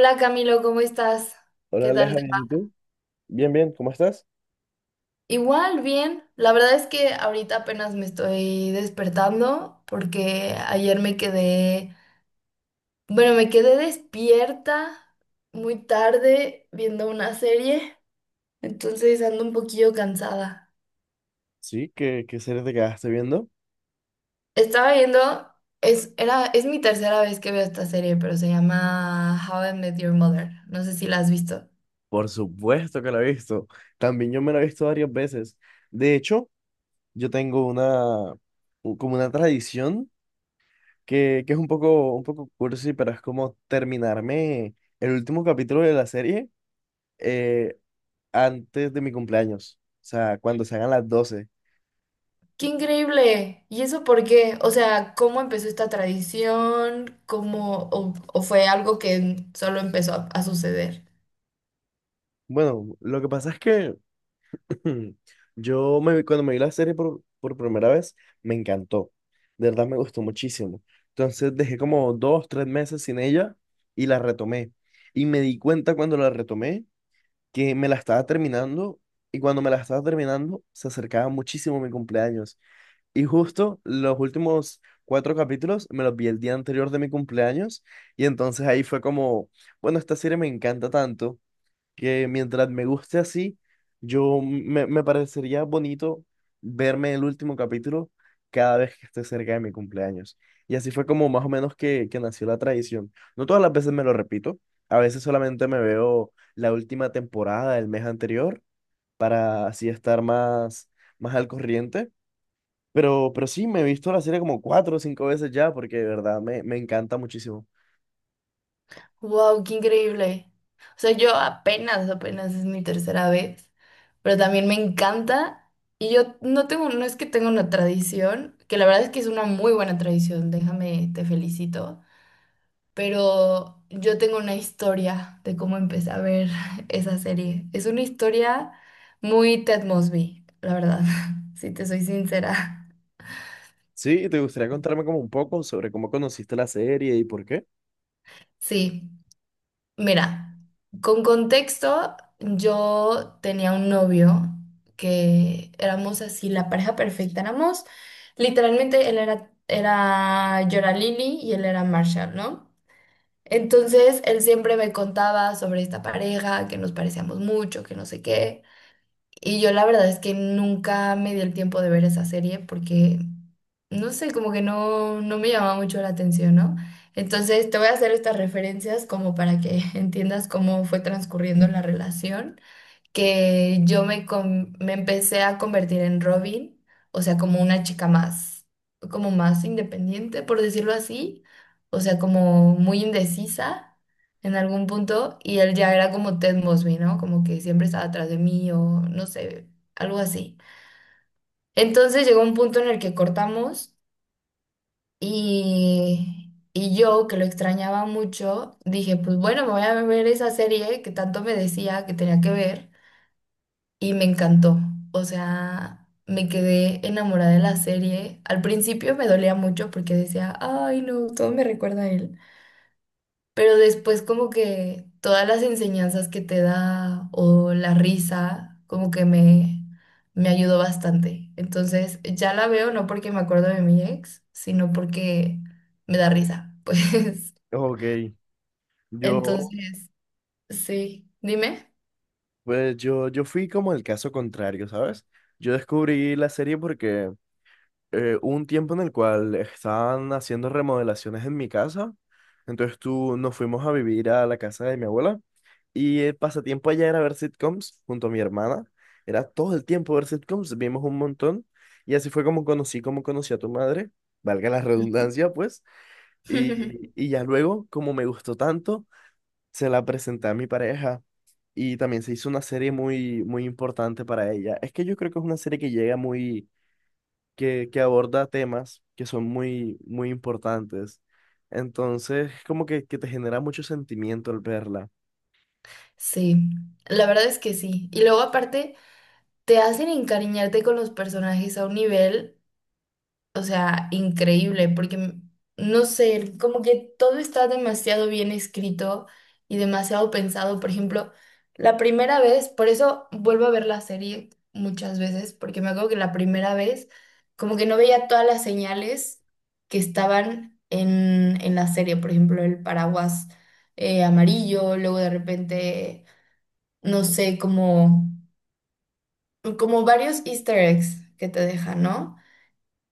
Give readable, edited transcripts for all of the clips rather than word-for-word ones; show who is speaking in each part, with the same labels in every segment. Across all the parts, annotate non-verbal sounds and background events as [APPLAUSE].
Speaker 1: Hola Camilo, ¿cómo estás?
Speaker 2: Hola
Speaker 1: ¿Qué tal
Speaker 2: Aleja,
Speaker 1: te
Speaker 2: bien, ¿y
Speaker 1: va?
Speaker 2: tú? Bien, bien, ¿cómo estás?
Speaker 1: Igual, bien. La verdad es que ahorita apenas me estoy despertando porque ayer bueno, me quedé despierta muy tarde viendo una serie, entonces ando un poquillo cansada.
Speaker 2: Sí, ¿qué serie te quedaste viendo?
Speaker 1: Estaba viendo, es mi tercera vez que veo esta serie, pero se llama How I Met Your Mother. No sé si la has visto.
Speaker 2: Por supuesto que la he visto. También yo me la he visto varias veces. De hecho, yo tengo una, como una tradición que es un poco cursi, pero es como terminarme el último capítulo de la serie eh, antes de mi cumpleaños. O sea, cuando se hagan las doce.
Speaker 1: Qué increíble. ¿Y eso por qué? O sea, ¿cómo empezó esta tradición? ¿Cómo o fue algo que solo empezó a suceder?
Speaker 2: Bueno, lo que pasa es que, hmm, cuando me vi la serie por primera vez, me encantó. De verdad me gustó muchísimo. Entonces dejé como dos, tres meses sin ella y la retomé. Y me di cuenta cuando la retomé que me la estaba terminando, y cuando me la estaba terminando se acercaba muchísimo mi cumpleaños. Y justo los últimos cuatro capítulos me los vi el día anterior de mi cumpleaños, y entonces ahí fue como, bueno, esta serie me encanta tanto que mientras me guste así, me parecería bonito verme el último capítulo cada vez que esté cerca de mi cumpleaños. Y así fue como más o menos que nació la tradición. No todas las veces me lo repito, a veces solamente me veo la última temporada del mes anterior para así estar más, más al corriente. Pero sí, me he visto la serie como cuatro o cinco veces ya porque de verdad me encanta muchísimo.
Speaker 1: Wow, qué increíble. O sea, yo apenas, apenas es mi tercera vez, pero también me encanta, y yo no tengo, no es que tenga una tradición, que la verdad es que es una muy buena tradición, déjame, te felicito. Pero yo tengo una historia de cómo empecé a ver [LAUGHS] esa serie. Es una historia muy Ted Mosby, la verdad, [LAUGHS] si te soy sincera.
Speaker 2: Sí, ¿te gustaría contarme como un poco sobre cómo conociste la serie y por qué?
Speaker 1: Sí, mira, con contexto, yo tenía un novio que éramos así, la pareja perfecta, éramos, literalmente él era, era yo era Lily y él era Marshall, ¿no? Entonces él siempre me contaba sobre esta pareja, que nos parecíamos mucho, que no sé qué. Y yo la verdad es que nunca me di el tiempo de ver esa serie porque, no sé, como que no, no me llamaba mucho la atención, ¿no? Entonces te voy a hacer estas referencias como para que [LAUGHS] entiendas cómo fue transcurriendo la relación, que me empecé a convertir en Robin, o sea, como una chica más, como más independiente, por decirlo así, o sea, como muy indecisa en algún punto, y él ya era como Ted Mosby, ¿no? Como que siempre estaba atrás de mí, o no sé, algo así. Entonces llegó un punto en el que cortamos, y yo, que lo extrañaba mucho, dije, pues bueno, me voy a ver esa serie que tanto me decía que tenía que ver, y me encantó. O sea, me quedé enamorada de la serie. Al principio me dolía mucho porque decía, ay, no, todo me recuerda a él. Pero después como que todas las enseñanzas que te da o la risa, como que me ayudó bastante. Entonces, ya la veo no porque me acuerdo de mi ex, sino porque me da risa. [LAUGHS] Pues,
Speaker 2: Ok. Yo,
Speaker 1: entonces, sí, dime.
Speaker 2: pues yo fui como el caso contrario, ¿sabes? Yo descubrí la serie porque hubo un tiempo en el cual estaban haciendo remodelaciones en mi casa, entonces tú nos fuimos a vivir a la casa de mi abuela, y el pasatiempo allá era ver sitcoms junto a mi hermana, era todo el tiempo ver sitcoms, vimos un montón, y así fue como conocí a tu madre, valga la redundancia pues. Y,
Speaker 1: [LAUGHS]
Speaker 2: y ya luego como me gustó tanto, se la presenté a mi pareja y también se hizo una serie muy, muy importante para ella. Es que yo creo que es una serie que llega muy, que aborda temas que son muy, muy importantes. Entonces, como que te genera mucho sentimiento al verla.
Speaker 1: Sí, la verdad es que sí. Y luego aparte, te hacen encariñarte con los personajes a un nivel, o sea, increíble, porque no sé, como que todo está demasiado bien escrito y demasiado pensado. Por ejemplo, la primera vez, por eso vuelvo a ver la serie muchas veces, porque me acuerdo que la primera vez, como que no veía todas las señales que estaban en la serie, por ejemplo, el paraguas amarillo, luego de repente, no sé, cómo como varios easter eggs que te dejan, ¿no?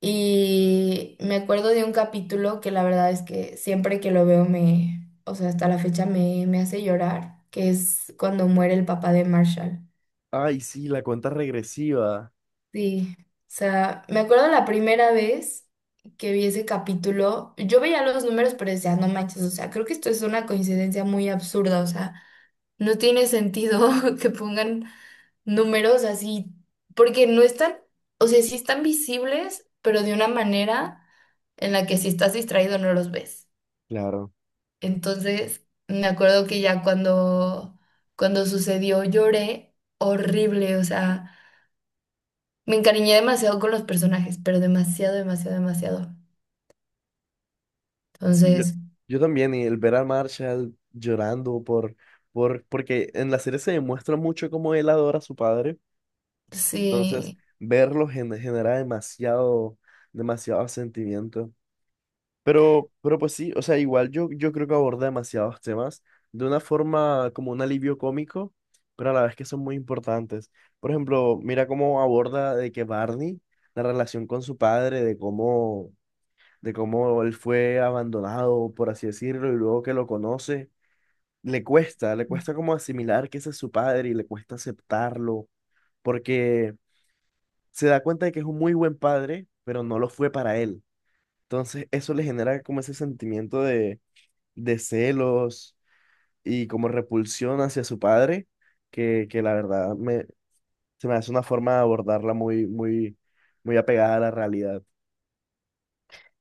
Speaker 1: Y me acuerdo de un capítulo que la verdad es que siempre que lo veo o sea, hasta la fecha me hace llorar, que es cuando muere el papá de Marshall.
Speaker 2: Ay, sí, la cuenta regresiva.
Speaker 1: Sí, o sea, me acuerdo la primera vez que vi ese capítulo, yo veía los números pero decía, no manches, o sea, creo que esto es una coincidencia muy absurda, o sea, no tiene sentido [LAUGHS] que pongan numerosas y porque no están, o sea, sí están visibles, pero de una manera en la que si estás distraído no los ves.
Speaker 2: Claro.
Speaker 1: Entonces, me acuerdo que ya cuando sucedió lloré horrible, o sea, me encariñé demasiado con los personajes, pero demasiado, demasiado, demasiado.
Speaker 2: Sí,
Speaker 1: Entonces,
Speaker 2: yo también, y el ver a Marshall llorando por, porque en la serie se demuestra mucho cómo él adora a su padre. Entonces,
Speaker 1: sí,
Speaker 2: verlo genera demasiado, demasiado sentimiento. Pero pues sí, o sea, igual yo creo que aborda demasiados temas de una forma como un alivio cómico, pero a la vez que son muy importantes. Por ejemplo, mira cómo aborda de que Barney, la relación con su padre, de cómo él fue abandonado, por así decirlo, y luego que lo conoce, le cuesta como asimilar que ese es su padre y le cuesta aceptarlo, porque se da cuenta de que es un muy buen padre, pero no lo fue para él. Entonces, eso le genera como ese sentimiento de celos y como repulsión hacia su padre, que la verdad se me hace una forma de abordarla muy, muy, muy apegada a la realidad.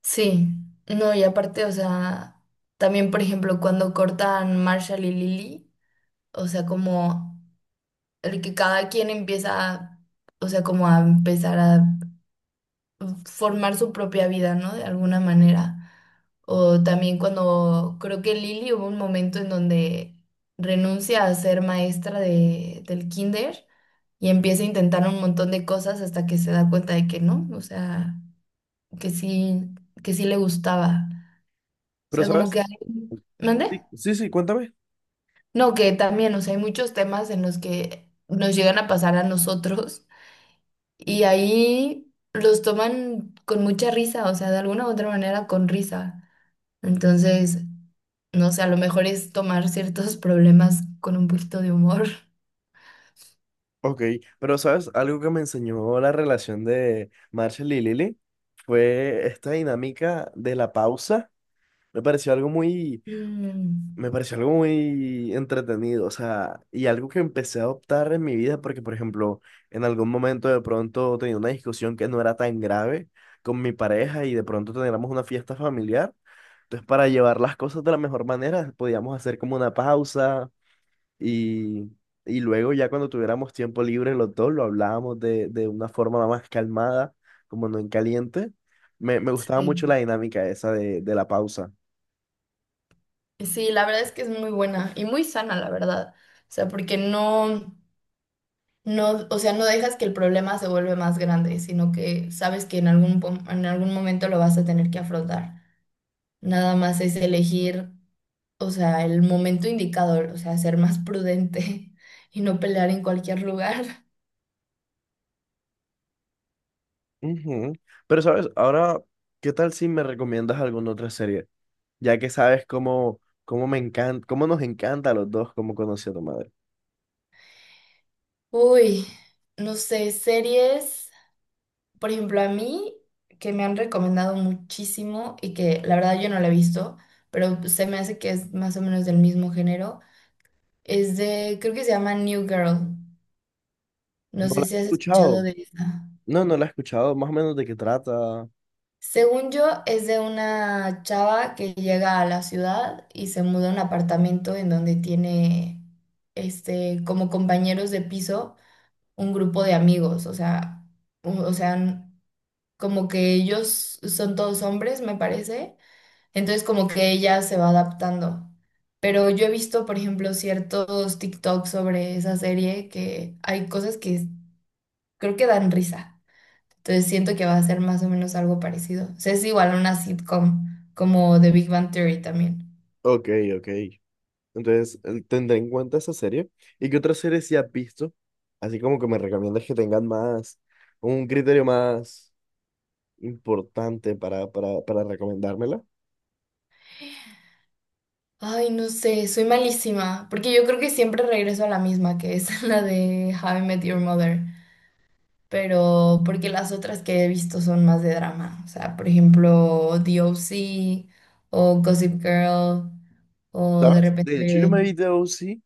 Speaker 1: sí. No, y aparte, o sea, también, por ejemplo, cuando cortan Marshall y Lily, o sea, como el que cada quien empieza, o sea, como a empezar a formar su propia vida, ¿no? De alguna manera. O también cuando creo que Lili hubo un momento en donde renuncia a ser maestra del kinder y empieza a intentar un montón de cosas hasta que se da cuenta de que no, o sea, que sí, que sí le gustaba. O
Speaker 2: Pero,
Speaker 1: sea, como
Speaker 2: ¿sabes?
Speaker 1: que hay. ¿Mande?
Speaker 2: Sí, sí, sí, cuéntame.
Speaker 1: No, que también, o sea, hay muchos temas en los que nos llegan a pasar a nosotros. Y ahí los toman con mucha risa, o sea, de alguna u otra manera con risa. Entonces, no sé, a lo mejor es tomar ciertos problemas con un poquito de humor. [LAUGHS]
Speaker 2: Ok, pero, ¿sabes? Algo que me enseñó la relación de Marshall y Lily fue esta dinámica de la pausa. Me pareció algo muy...
Speaker 1: Mm,
Speaker 2: Me pareció algo muy entretenido, o sea, y algo que empecé a adoptar en mi vida, porque, por ejemplo, en algún momento de pronto tenía una discusión que no era tan grave con mi pareja y de pronto teníamos una fiesta familiar. Entonces, para llevar las cosas de la mejor manera, podíamos hacer como una pausa y, y luego ya cuando tuviéramos tiempo libre los dos, lo hablábamos de una forma más calmada, como no en caliente. Me gustaba
Speaker 1: sí,
Speaker 2: mucho la dinámica esa de la pausa.
Speaker 1: sí, la verdad es que es muy buena y muy sana, la verdad. O sea, porque no, no, o sea, no dejas que el problema se vuelve más grande, sino que sabes que en en algún momento lo vas a tener que afrontar. Nada más es elegir, o sea, el momento indicador, o sea, ser más prudente [LAUGHS] y no pelear en cualquier lugar. [LAUGHS]
Speaker 2: Ujú. Pero sabes, ahora, ¿qué tal si me recomiendas alguna otra serie? Ya que sabes cómo, cómo me encanta, cómo nos encanta a los dos, cómo conocí a tu madre.
Speaker 1: Uy, no sé, series, por ejemplo, a mí que me han recomendado muchísimo y que la verdad yo no la he visto, pero se me hace que es más o menos del mismo género, es de, creo que se llama New Girl. No
Speaker 2: No
Speaker 1: sé
Speaker 2: la
Speaker 1: si
Speaker 2: he
Speaker 1: has escuchado
Speaker 2: escuchado.
Speaker 1: de esa.
Speaker 2: No, no la he escuchado. Más o menos de qué trata.
Speaker 1: Según yo, es de una chava que llega a la ciudad y se muda a un apartamento en donde tiene este como compañeros de piso, un grupo de amigos, o sea, o sea, como que ellos son todos hombres, me parece, entonces como que ella se va adaptando. Pero yo he visto, por ejemplo, ciertos TikToks sobre esa serie que hay cosas que creo que dan risa. Entonces siento que va a ser más o menos algo parecido. O sea, es igual una sitcom como The Big Bang Theory también.
Speaker 2: Ok, ok. Entonces, tendré en cuenta esa serie. ¿Y qué otras series sí has visto? Así como que me recomiendas que tengan más, un criterio más importante para recomendármela.
Speaker 1: Ay, no sé, soy malísima, porque yo creo que siempre regreso a la misma, que es [LAUGHS] la de How I Met Your Mother, pero porque las otras que he visto son más de drama, o sea, por ejemplo, The O.C. o Gossip Girl o de
Speaker 2: ¿Sabes? De hecho, yo
Speaker 1: repente,
Speaker 2: me vi The OC,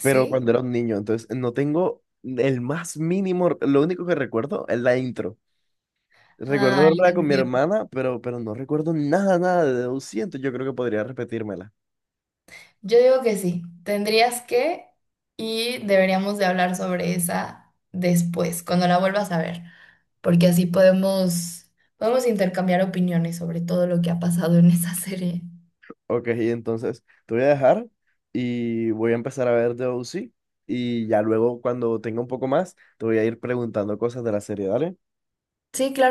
Speaker 2: pero cuando era un niño, entonces no tengo el más mínimo, lo único que recuerdo es la intro. Recuerdo
Speaker 1: Ah, la
Speaker 2: verla con mi
Speaker 1: canción.
Speaker 2: hermana, pero no recuerdo nada, nada de Debussy, yo creo que podría repetírmela.
Speaker 1: Yo digo que sí, tendrías que, y deberíamos de hablar sobre esa después, cuando la vuelvas a ver, porque así podemos, intercambiar opiniones sobre todo lo que ha pasado en esa serie.
Speaker 2: Ok, entonces te voy a dejar y voy a empezar a ver Debussy, y ya luego cuando tenga un poco más te voy a ir preguntando cosas de la serie, ¿dale?
Speaker 1: Sí,